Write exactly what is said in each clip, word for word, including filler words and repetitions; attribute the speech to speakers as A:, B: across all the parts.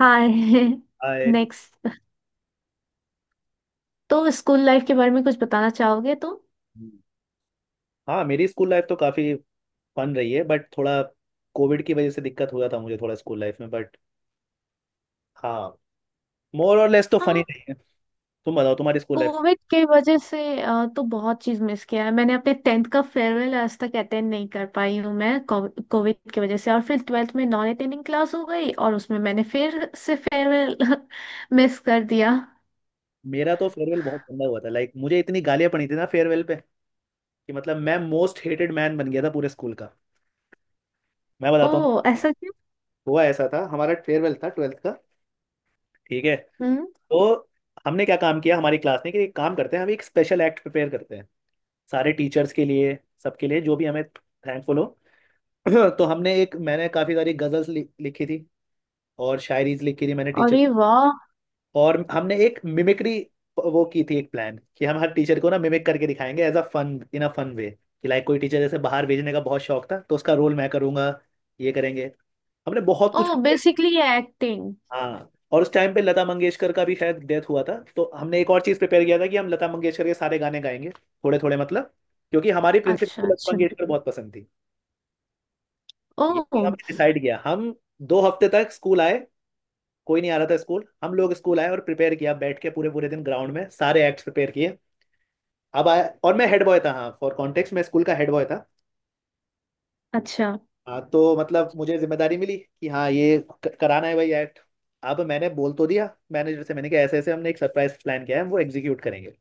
A: हाय।
B: आए।
A: नेक्स्ट। तो school life के बारे में कुछ बताना चाहोगे तो।
B: हाँ, मेरी स्कूल लाइफ तो काफी फन रही है बट थोड़ा कोविड की वजह से दिक्कत हुआ था मुझे थोड़ा स्कूल लाइफ में। बट हाँ, मोर और लेस तो फनी
A: हाँ।
B: रही है। तुम बताओ तुम्हारी स्कूल लाइफ।
A: कोविड के वजह से अ, तो बहुत चीज मिस किया है मैंने अपने टेंथ का फेयरवेल आज तक अटेंड नहीं कर पाई हूँ मैं कोविड की वजह से। और फिर ट्वेल्थ में नॉन अटेंडिंग क्लास हो गई और उसमें मैंने फिर से फेयरवेल मिस कर दिया।
B: मेरा तो फेयरवेल बहुत गंदा हुआ था। लाइक मुझे इतनी गालियां पड़ी थी ना फेयरवेल पे कि मतलब मैं मोस्ट हेटेड मैन बन गया था पूरे स्कूल का। मैं बताता
A: ओ
B: हूँ।
A: ऐसा क्यों?
B: हुआ ऐसा था, हमारा फेयरवेल था ट्वेल्थ का, ठीक है।
A: हम्म।
B: तो हमने क्या काम किया हमारी क्लास ने कि एक काम करते हैं, हम एक स्पेशल एक्ट प्रिपेयर करते हैं सारे टीचर्स के लिए, सबके लिए जो भी हमें थैंकफुल हो। तो हमने एक, मैंने काफी सारी गजल्स लि, लिखी थी और शायरीज लिखी थी मैंने टीचर।
A: अरे वाह।
B: और हमने एक मिमिक्री वो की थी, एक प्लान कि हम हर टीचर को ना मिमिक करके दिखाएंगे as a fun, in a fun way. कि लाइक कोई टीचर जैसे बाहर भेजने का बहुत शौक था तो उसका रोल मैं करूंगा, ये करेंगे, हमने बहुत
A: ओ
B: कुछ।
A: Basically acting.
B: हाँ, और उस टाइम पे लता मंगेशकर का भी शायद डेथ हुआ था तो हमने एक और चीज प्रिपेयर किया था कि हम लता मंगेशकर के सारे गाने गाएंगे थोड़े थोड़े, मतलब क्योंकि हमारी प्रिंसिपल
A: अच्छा
B: को लता
A: अच्छा।
B: मंगेशकर बहुत पसंद थी। ये
A: ओ
B: हमने डिसाइड किया। हम दो हफ्ते तक स्कूल आए, कोई नहीं आ रहा था स्कूल, हम लोग स्कूल आए और प्रिपेयर किया, बैठ के पूरे पूरे दिन ग्राउंड में सारे एक्ट्स प्रिपेयर किए। अब आया, और मैं हेड बॉय था। हाँ, फॉर कॉन्टेक्स्ट, मैं स्कूल का हेड बॉय था।
A: अच्छा।
B: हाँ, तो मतलब मुझे जिम्मेदारी मिली कि हाँ ये क- कराना है भाई एक्ट। अब मैंने बोल तो दिया मैनेजर से, मैंने कहा ऐसे ऐसे हमने एक सरप्राइज प्लान किया है, हम वो एग्जीक्यूट करेंगे।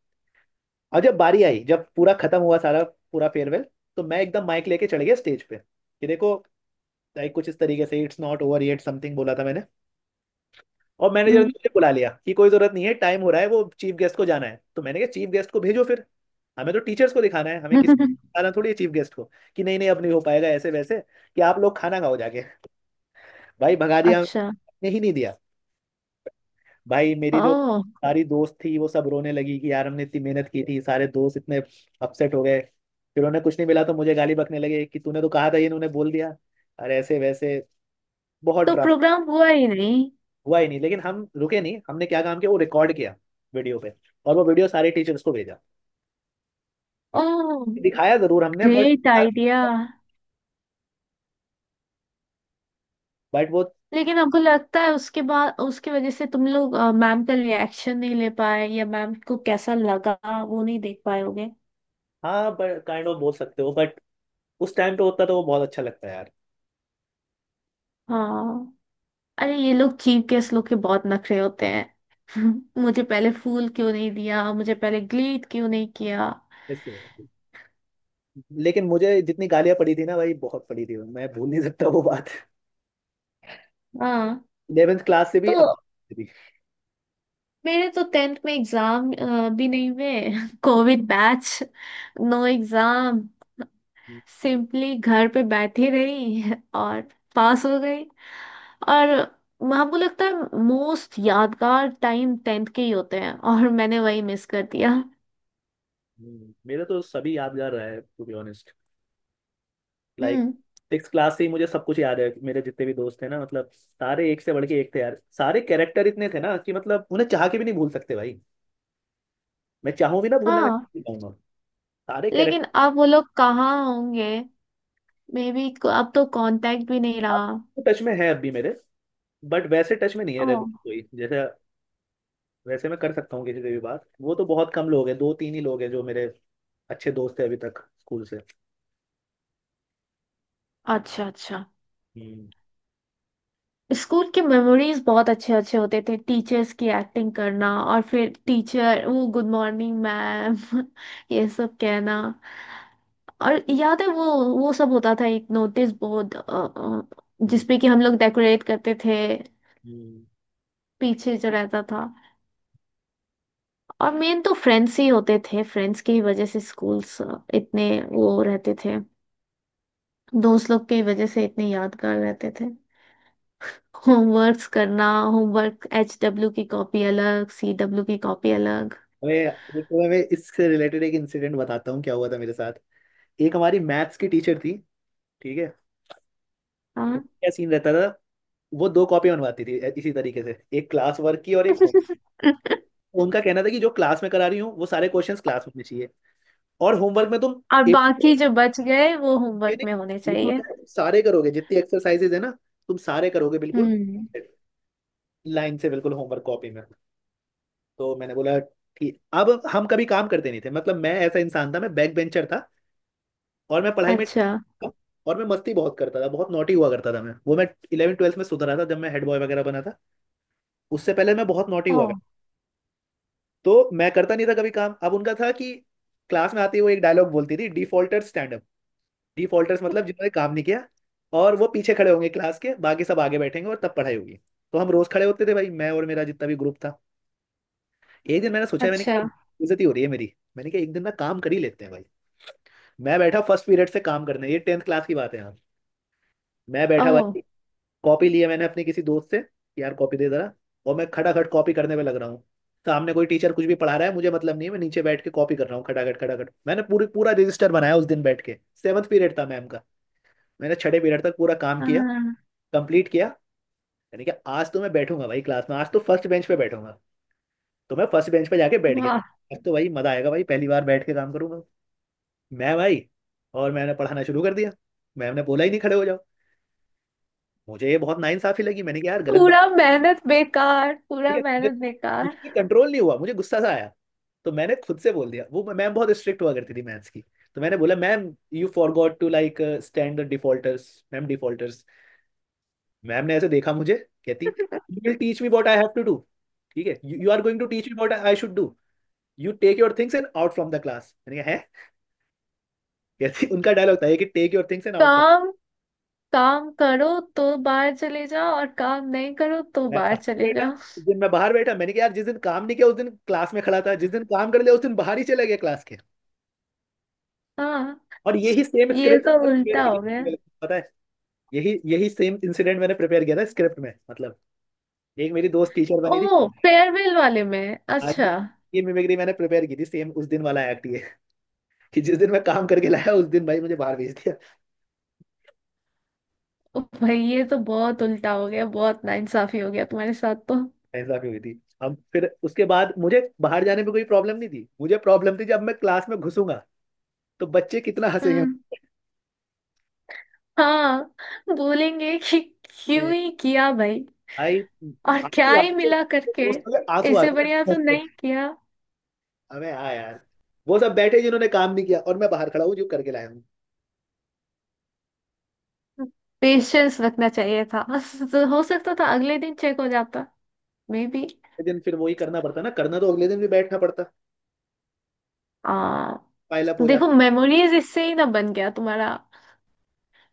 B: और जब बारी आई, जब पूरा खत्म हुआ सारा पूरा फेयरवेल, तो मैं एकदम माइक लेके चढ़ गया स्टेज पे कि देखो, लाइक कुछ इस तरीके से it's not over yet, something बोला था मैंने। और मैनेजर ने
A: हम्म,
B: मुझे बुला लिया कि कोई जरूरत नहीं है, टाइम हो रहा है, वो चीफ गेस्ट को जाना है। तो मैंने कहा चीफ गेस्ट को भेजो फिर, हमें तो टीचर्स को दिखाना है, हमें किसी को दिखाना थोड़ी है चीफ गेस्ट को। कि नहीं नहीं अब नहीं हो पाएगा ऐसे वैसे, कि आप लोग खाना खाओ जाके। भाई भगा दिया,
A: अच्छा।
B: ने ही नहीं दिया। भाई मेरी जो
A: ओ।
B: सारी दोस्त थी वो सब रोने लगी कि यार हमने इतनी मेहनत की थी, सारे दोस्त इतने अपसेट हो गए। फिर उन्हें कुछ नहीं मिला तो मुझे गाली बकने लगे कि तूने तो कहा था, ये इन्होंने बोल दिया अरे ऐसे वैसे। बहुत
A: तो
B: ड्रामा
A: प्रोग्राम हुआ ही नहीं?
B: हुआ ही नहीं, लेकिन हम रुके नहीं। हमने क्या काम किया, वो रिकॉर्ड किया वीडियो पे, और वो वीडियो सारे टीचर्स को भेजा।
A: ओह।
B: दिखाया जरूर हमने बट
A: ग्रेट आइडिया।
B: बट वो
A: लेकिन हमको लगता है उसके बाद उसकी वजह से तुम लोग अ, मैम का रिएक्शन नहीं ले पाए या मैम को कैसा लगा, वो नहीं देख पाए होगे।
B: हाँ बट काइंड ऑफ बोल सकते हो बट उस टाइम तो होता तो वो बहुत अच्छा लगता है यार।
A: हाँ। अरे ये लोग चीफ गेस्ट लोग के बहुत नखरे होते हैं। मुझे पहले फूल क्यों नहीं दिया, मुझे पहले ग्लीट क्यों नहीं किया?
B: इसलिए लेकिन मुझे जितनी गालियां पड़ी थी ना भाई बहुत पड़ी थी, मैं भूल नहीं सकता वो बात।
A: हाँ।
B: इलेवेंथ क्लास से भी,
A: तो
B: अब भी।
A: मेरे तो टेंथ में एग्जाम भी नहीं हुए। Covid batch. No exam. Simply घर पे बैठी रही और पास हो गई। और हमको लगता है मोस्ट यादगार टाइम टेंथ के ही होते हैं और मैंने वही मिस कर दिया।
B: हम्म, मेरा तो सभी यादगार रहा है to be honest. Like
A: hmm.
B: Six class से ही मुझे सब कुछ याद है। मेरे जितने भी दोस्त थे ना, मतलब सारे एक से बढ़ के एक थे यार, सारे कैरेक्टर इतने थे ना कि मतलब उन्हें चाह के भी नहीं भूल सकते भाई। मैं चाहूँ भी ना भूलना, मैं
A: हाँ।
B: नहीं चाहूंगा। सारे
A: लेकिन अब वो लोग कहाँ होंगे? May be. अब तो कांटेक्ट भी नहीं रहा।
B: कैरेक्टर टच में है अब भी मेरे, बट वैसे टच में नहीं है रेगुलर
A: ओह।
B: कोई। जैसे वैसे मैं कर सकता हूँ किसी से भी बात, वो तो बहुत कम लोग हैं, दो तीन ही लोग हैं जो मेरे अच्छे दोस्त है अभी तक स्कूल से।
A: अच्छा अच्छा।
B: हम्म।
A: स्कूल के मेमोरीज बहुत अच्छे अच्छे होते थे। टीचर्स की एक्टिंग करना और फिर टीचर वो गुड मॉर्निंग मैम ये सब कहना। और याद है वो। वो सब होता था, एक नोटिस बोर्ड
B: हम्म।
A: जिसपे कि हम लोग डेकोरेट करते थे,
B: हम्म।
A: पीछे जो रहता था। और मेन तो फ्रेंड्स ही होते थे, फ्रेंड्स की ही वजह से स्कूल्स इतने वो रहते थे, दोस्त लोग की वजह से इतने यादगार रहते थे। होमवर्क्स करना, होमवर्क एच डब्ल्यू की कॉपी अलग, सी डब्ल्यू की कॉपी अलग।
B: मैं देखो, मैं इससे रिलेटेड एक इंसिडेंट बताता हूँ, क्या हुआ था मेरे साथ। एक हमारी मैथ्स की टीचर थी, ठीक है।
A: हाँ।
B: क्या सीन रहता था, वो दो कॉपी बनवाती थी, ए- इसी तरीके से एक क्लास वर्क की और एक होम। उनका कहना था कि जो क्लास में करा रही हूँ वो सारे क्वेश्चंस क्लास में होने चाहिए और होमवर्क में तुम
A: और
B: एक
A: बाकी जो बच गए वो होमवर्क
B: एक- एक-
A: में होने
B: एक to
A: चाहिए।
B: Z सारे करोगे, जितनी एक्सरसाइजेज है ना तुम सारे करोगे बिल्कुल
A: हम्म।
B: लाइन से, बिल्कुल होमवर्क कॉपी में। तो मैंने बोला ठीक। अब हम कभी काम करते नहीं थे, मतलब मैं ऐसा इंसान था, मैं बैक बेंचर था। और मैं पढ़ाई में,
A: अच्छा।
B: और मैं मस्ती बहुत करता था, बहुत नॉटी हुआ करता था। मैं वो मैं इलेवन ट्वेल्थ में सुधरा था जब मैं हेड बॉय वगैरह बना था, उससे पहले मैं बहुत नॉटी
A: ओ।
B: हुआ। तो मैं करता नहीं था कभी काम। अब उनका था कि क्लास में आते ही वो एक डायलॉग बोलती थी, डिफॉल्टर्स स्टैंड अप। डिफॉल्टर्स मतलब जिन्होंने काम नहीं किया, और वो पीछे खड़े होंगे क्लास के, बाकी सब आगे बैठेंगे और तब पढ़ाई होगी। तो हम रोज खड़े होते थे भाई, मैं और मेरा जितना भी ग्रुप था। एक दिन मैंने सोचा, मैंने
A: अच्छा।
B: कहा बेइज्जती हो रही है मेरी, मैंने कहा एक दिन ना काम कर ही लेते हैं भाई। मैं बैठा फर्स्ट पीरियड से काम करने, ये टेंथ क्लास की बात है यहाँ। मैं बैठा भाई,
A: ओह।
B: कॉपी लिया मैंने अपने किसी दोस्त से, यार कॉपी दे जरा, और मैं खटाखट कॉपी करने में लग रहा हूँ। सामने कोई टीचर कुछ भी पढ़ा रहा है, मुझे मतलब नहीं है, मैं नीचे बैठ के कॉपी कर रहा हूँ खटाखट खटाखट। मैंने पूरी पूरा रजिस्टर बनाया उस दिन बैठ के। सेवन्थ पीरियड था मैम का, मैंने छठे पीरियड तक पूरा काम किया,
A: हाँ,
B: कंप्लीट किया। यानी कि आज तो मैं बैठूंगा भाई क्लास में, आज तो फर्स्ट बेंच पे बैठूंगा। तो मैं फर्स्ट बेंच पे जाके बैठ
A: वाह।
B: गया, आज तो भाई मजा आएगा भाई, पहली बार बैठ के काम करूंगा मैं भाई। और मैंने पढ़ाना शुरू कर दिया, मैम ने बोला ही नहीं खड़े हो जाओ। मुझे ये बहुत नाइंसाफी लगी, मैंने कहा यार गलत बात।
A: पूरा मेहनत बेकार,
B: ठीक
A: पूरा
B: है मुझे-
A: मेहनत बेकार।
B: मुझसे कंट्रोल नहीं हुआ, मुझे गुस्सा सा आया। तो मैंने खुद से बोल दिया, वो मैम बहुत स्ट्रिक्ट हुआ करती थी मैथ्स की। तो मैंने बोला ma'am you forgot to like stand the defaulters ma'am, defaulters. Ma'am ने ऐसे देखा मुझे, कहती you will teach me what I have to do. ठीक है, you are going to teach me what I should do. You take your things and out from the class, मैंने कहा है। कहती, उनका डायलॉग था ये कि take your things and out from.
A: काम। काम करो तो बाहर चले जाओ और काम नहीं करो तो
B: मैं
A: बाहर
B: बाहर
A: चले
B: बैठा।
A: जाओ।
B: उस दिन मैं बाहर बैठा, मैंने कहा यार जिस दिन काम नहीं किया उस दिन क्लास में खड़ा था, जिस दिन काम कर लिया उस दिन बाहर ही चला गया क्लास के।
A: हाँ।
B: और यही सेम
A: ये
B: स्क्रिप्ट
A: तो
B: आपने प्रिपेयर
A: उल्टा
B: की
A: हो गया।
B: थी, मेरे को पता है। यही यही सेम इंसिडेंट मैंने प्रिपेयर किया था स्क्रिप्ट में, मतलब एक मेरी दोस्त टीचर बनी थी।
A: ओह फेयरवेल वाले में,
B: आज भी,
A: अच्छा।
B: ये मिमिक्री मैंने प्रिपेयर की थी, सेम उस दिन वाला एक्ट, ये कि जिस दिन मैं काम करके लाया उस दिन भाई मुझे बाहर भेज दिया।
A: ओ भाई ये तो बहुत उल्टा हो गया, बहुत नाइंसाफी हो गया तुम्हारे साथ तो।
B: ऐसा भी हुई थी। अब फिर उसके बाद मुझे बाहर जाने में कोई प्रॉब्लम नहीं थी, मुझे प्रॉब्लम थी जब मैं क्लास में घुसूंगा तो बच्चे कितना हंसेंगे।
A: हम्म। हाँ। बोलेंगे कि क्यों
B: मैं-
A: ही किया भाई,
B: भाई
A: और क्या
B: आंसू आ
A: ही
B: गए थे,
A: मिला करके,
B: दोस्तों के आंसू आ
A: इससे बढ़िया
B: गए
A: तो
B: थे।
A: नहीं किया।
B: अबे हाँ यार, वो सब बैठे जिन्होंने काम नहीं किया और मैं बाहर खड़ा हूँ जो करके लाया हूँ।
A: पेशेंस रखना चाहिए था, तो हो सकता था अगले दिन चेक हो जाता। May be.
B: अगले दिन फिर वही करना पड़ता, ना करना तो अगले दिन भी बैठना पड़ता,
A: आ
B: पाइल अप हो
A: देखो,
B: जाता।
A: मेमोरीज इससे ही ना बन गया तुम्हारा।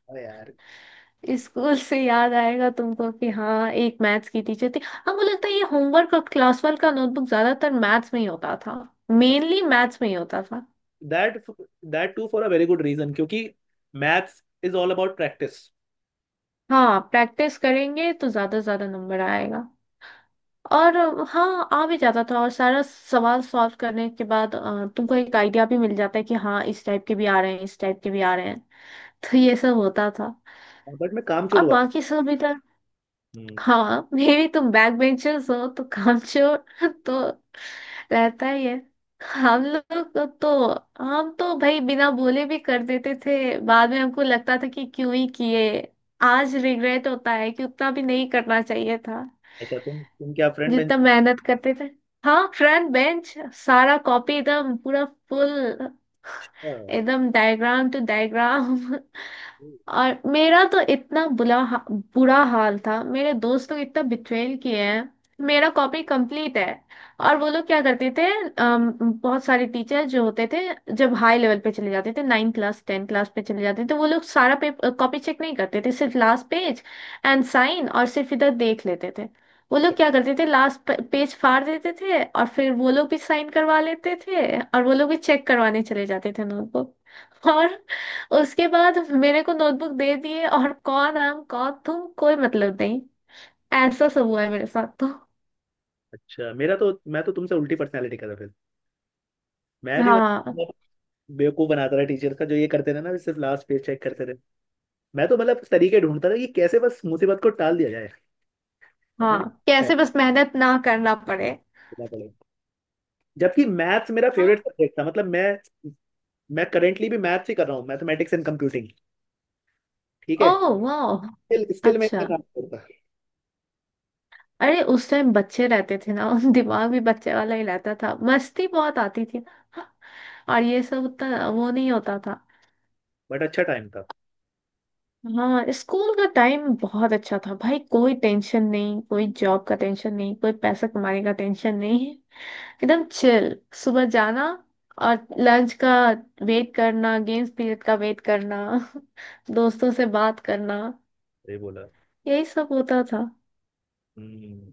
B: अरे यार,
A: स्कूल से याद आएगा तुमको कि हाँ एक मैथ्स की टीचर थी। हाँ मुझे लगता है ये होमवर्क और क्लास वर्क का नोटबुक ज्यादातर मैथ्स में ही होता था। मेनली मैथ्स में ही होता था।
B: That that to for a very good reason, क्योंकि maths is all about practice.
A: हाँ प्रैक्टिस करेंगे तो ज्यादा से ज्यादा नंबर आएगा। और अ, हाँ आ भी जाता था, और सारा सवाल सॉल्व करने के बाद अ, तुमको एक आइडिया भी मिल जाता है कि हाँ इस टाइप के भी आ रहे हैं, इस टाइप के भी आ रहे हैं। तो ये सब होता था।
B: बट मैं कामचोर
A: और
B: हुआ।
A: बाकी सब भी।
B: हम्म।
A: हाँ मे भी तुम बैक बेंचर्स हो तो कामचोर तो रहता ही है। हम लोग को तो, हम तो भाई बिना बोले भी कर देते थे, बाद में हमको लगता था कि क्यों ही किए। आज रिग्रेट होता है कि उतना भी नहीं करना चाहिए था
B: अच्छा, तुम तुम क्या फ्रंट बेंच।
A: जितना मेहनत करते थे। हाँ फ्रंट बेंच, सारा कॉपी एकदम पूरा फुल,
B: अच्छा
A: एकदम डायग्राम टू डायग्राम। और मेरा तो इतना बुला हा, बुरा हाल था, मेरे दोस्त लोग इतना बिट्रेल किए हैं। मेरा कॉपी कंप्लीट है। और वो लोग क्या करते थे, अम, बहुत सारे टीचर जो होते थे जब हाई लेवल पे चले जाते थे, नाइन क्लास टेन क्लास पे चले जाते थे, तो वो लोग सारा पेपर कॉपी चेक नहीं करते थे, सिर्फ लास्ट पेज एंड साइन और सिर्फ इधर देख लेते थे। वो लोग क्या करते थे, लास्ट पेज फाड़ देते थे और फिर वो लोग भी साइन करवा लेते थे और वो लोग भी चेक करवाने चले जाते थे नोटबुक। और उसके बाद मेरे को नोटबुक दे दिए, और कौन हम कौन तुम, कोई मतलब नहीं। ऐसा सब हुआ है मेरे साथ तो।
B: अच्छा, मेरा तो, मैं तो तुमसे उल्टी पर्सनैलिटी का था फिर। मैं भी
A: हाँ।
B: मतलब बेवकूफ बनाता रहा टीचर का, जो ये करते रहे ना सिर्फ लास्ट पेज चेक करते रहे। मैं तो मतलब तरीके ढूंढता था कि कैसे बस मुसीबत को टाल दिया जाए, पता नहीं
A: हाँ
B: क्या
A: कैसे बस मेहनत ना करना पड़े।
B: करना पड़ेगा। जबकि मैथ्स मेरा
A: हाँ।
B: फेवरेट सब्जेक्ट था, मतलब मैं मैं करेंटली भी मैथ्स ही कर रहा हूँ, मैथमेटिक्स एंड कंप्यूटिंग, ठीक है।
A: ओह वाह।
B: स्टिल स्टिल मैं इतना
A: अच्छा।
B: काम करता।
A: अरे उस टाइम बच्चे रहते थे ना, दिमाग भी बच्चे वाला ही रहता था, मस्ती बहुत आती थी ना। और ये सब उतना वो नहीं होता था।
B: बट अच्छा टाइम था।
A: हाँ स्कूल का टाइम बहुत अच्छा था भाई, कोई टेंशन नहीं, कोई जॉब का टेंशन नहीं, कोई पैसा कमाने का टेंशन नहीं। एकदम चिल। सुबह जाना और लंच का वेट करना, गेम्स पीरियड का वेट करना, दोस्तों से बात करना।
B: ये बोला।
A: यही सब होता था।
B: हम्म।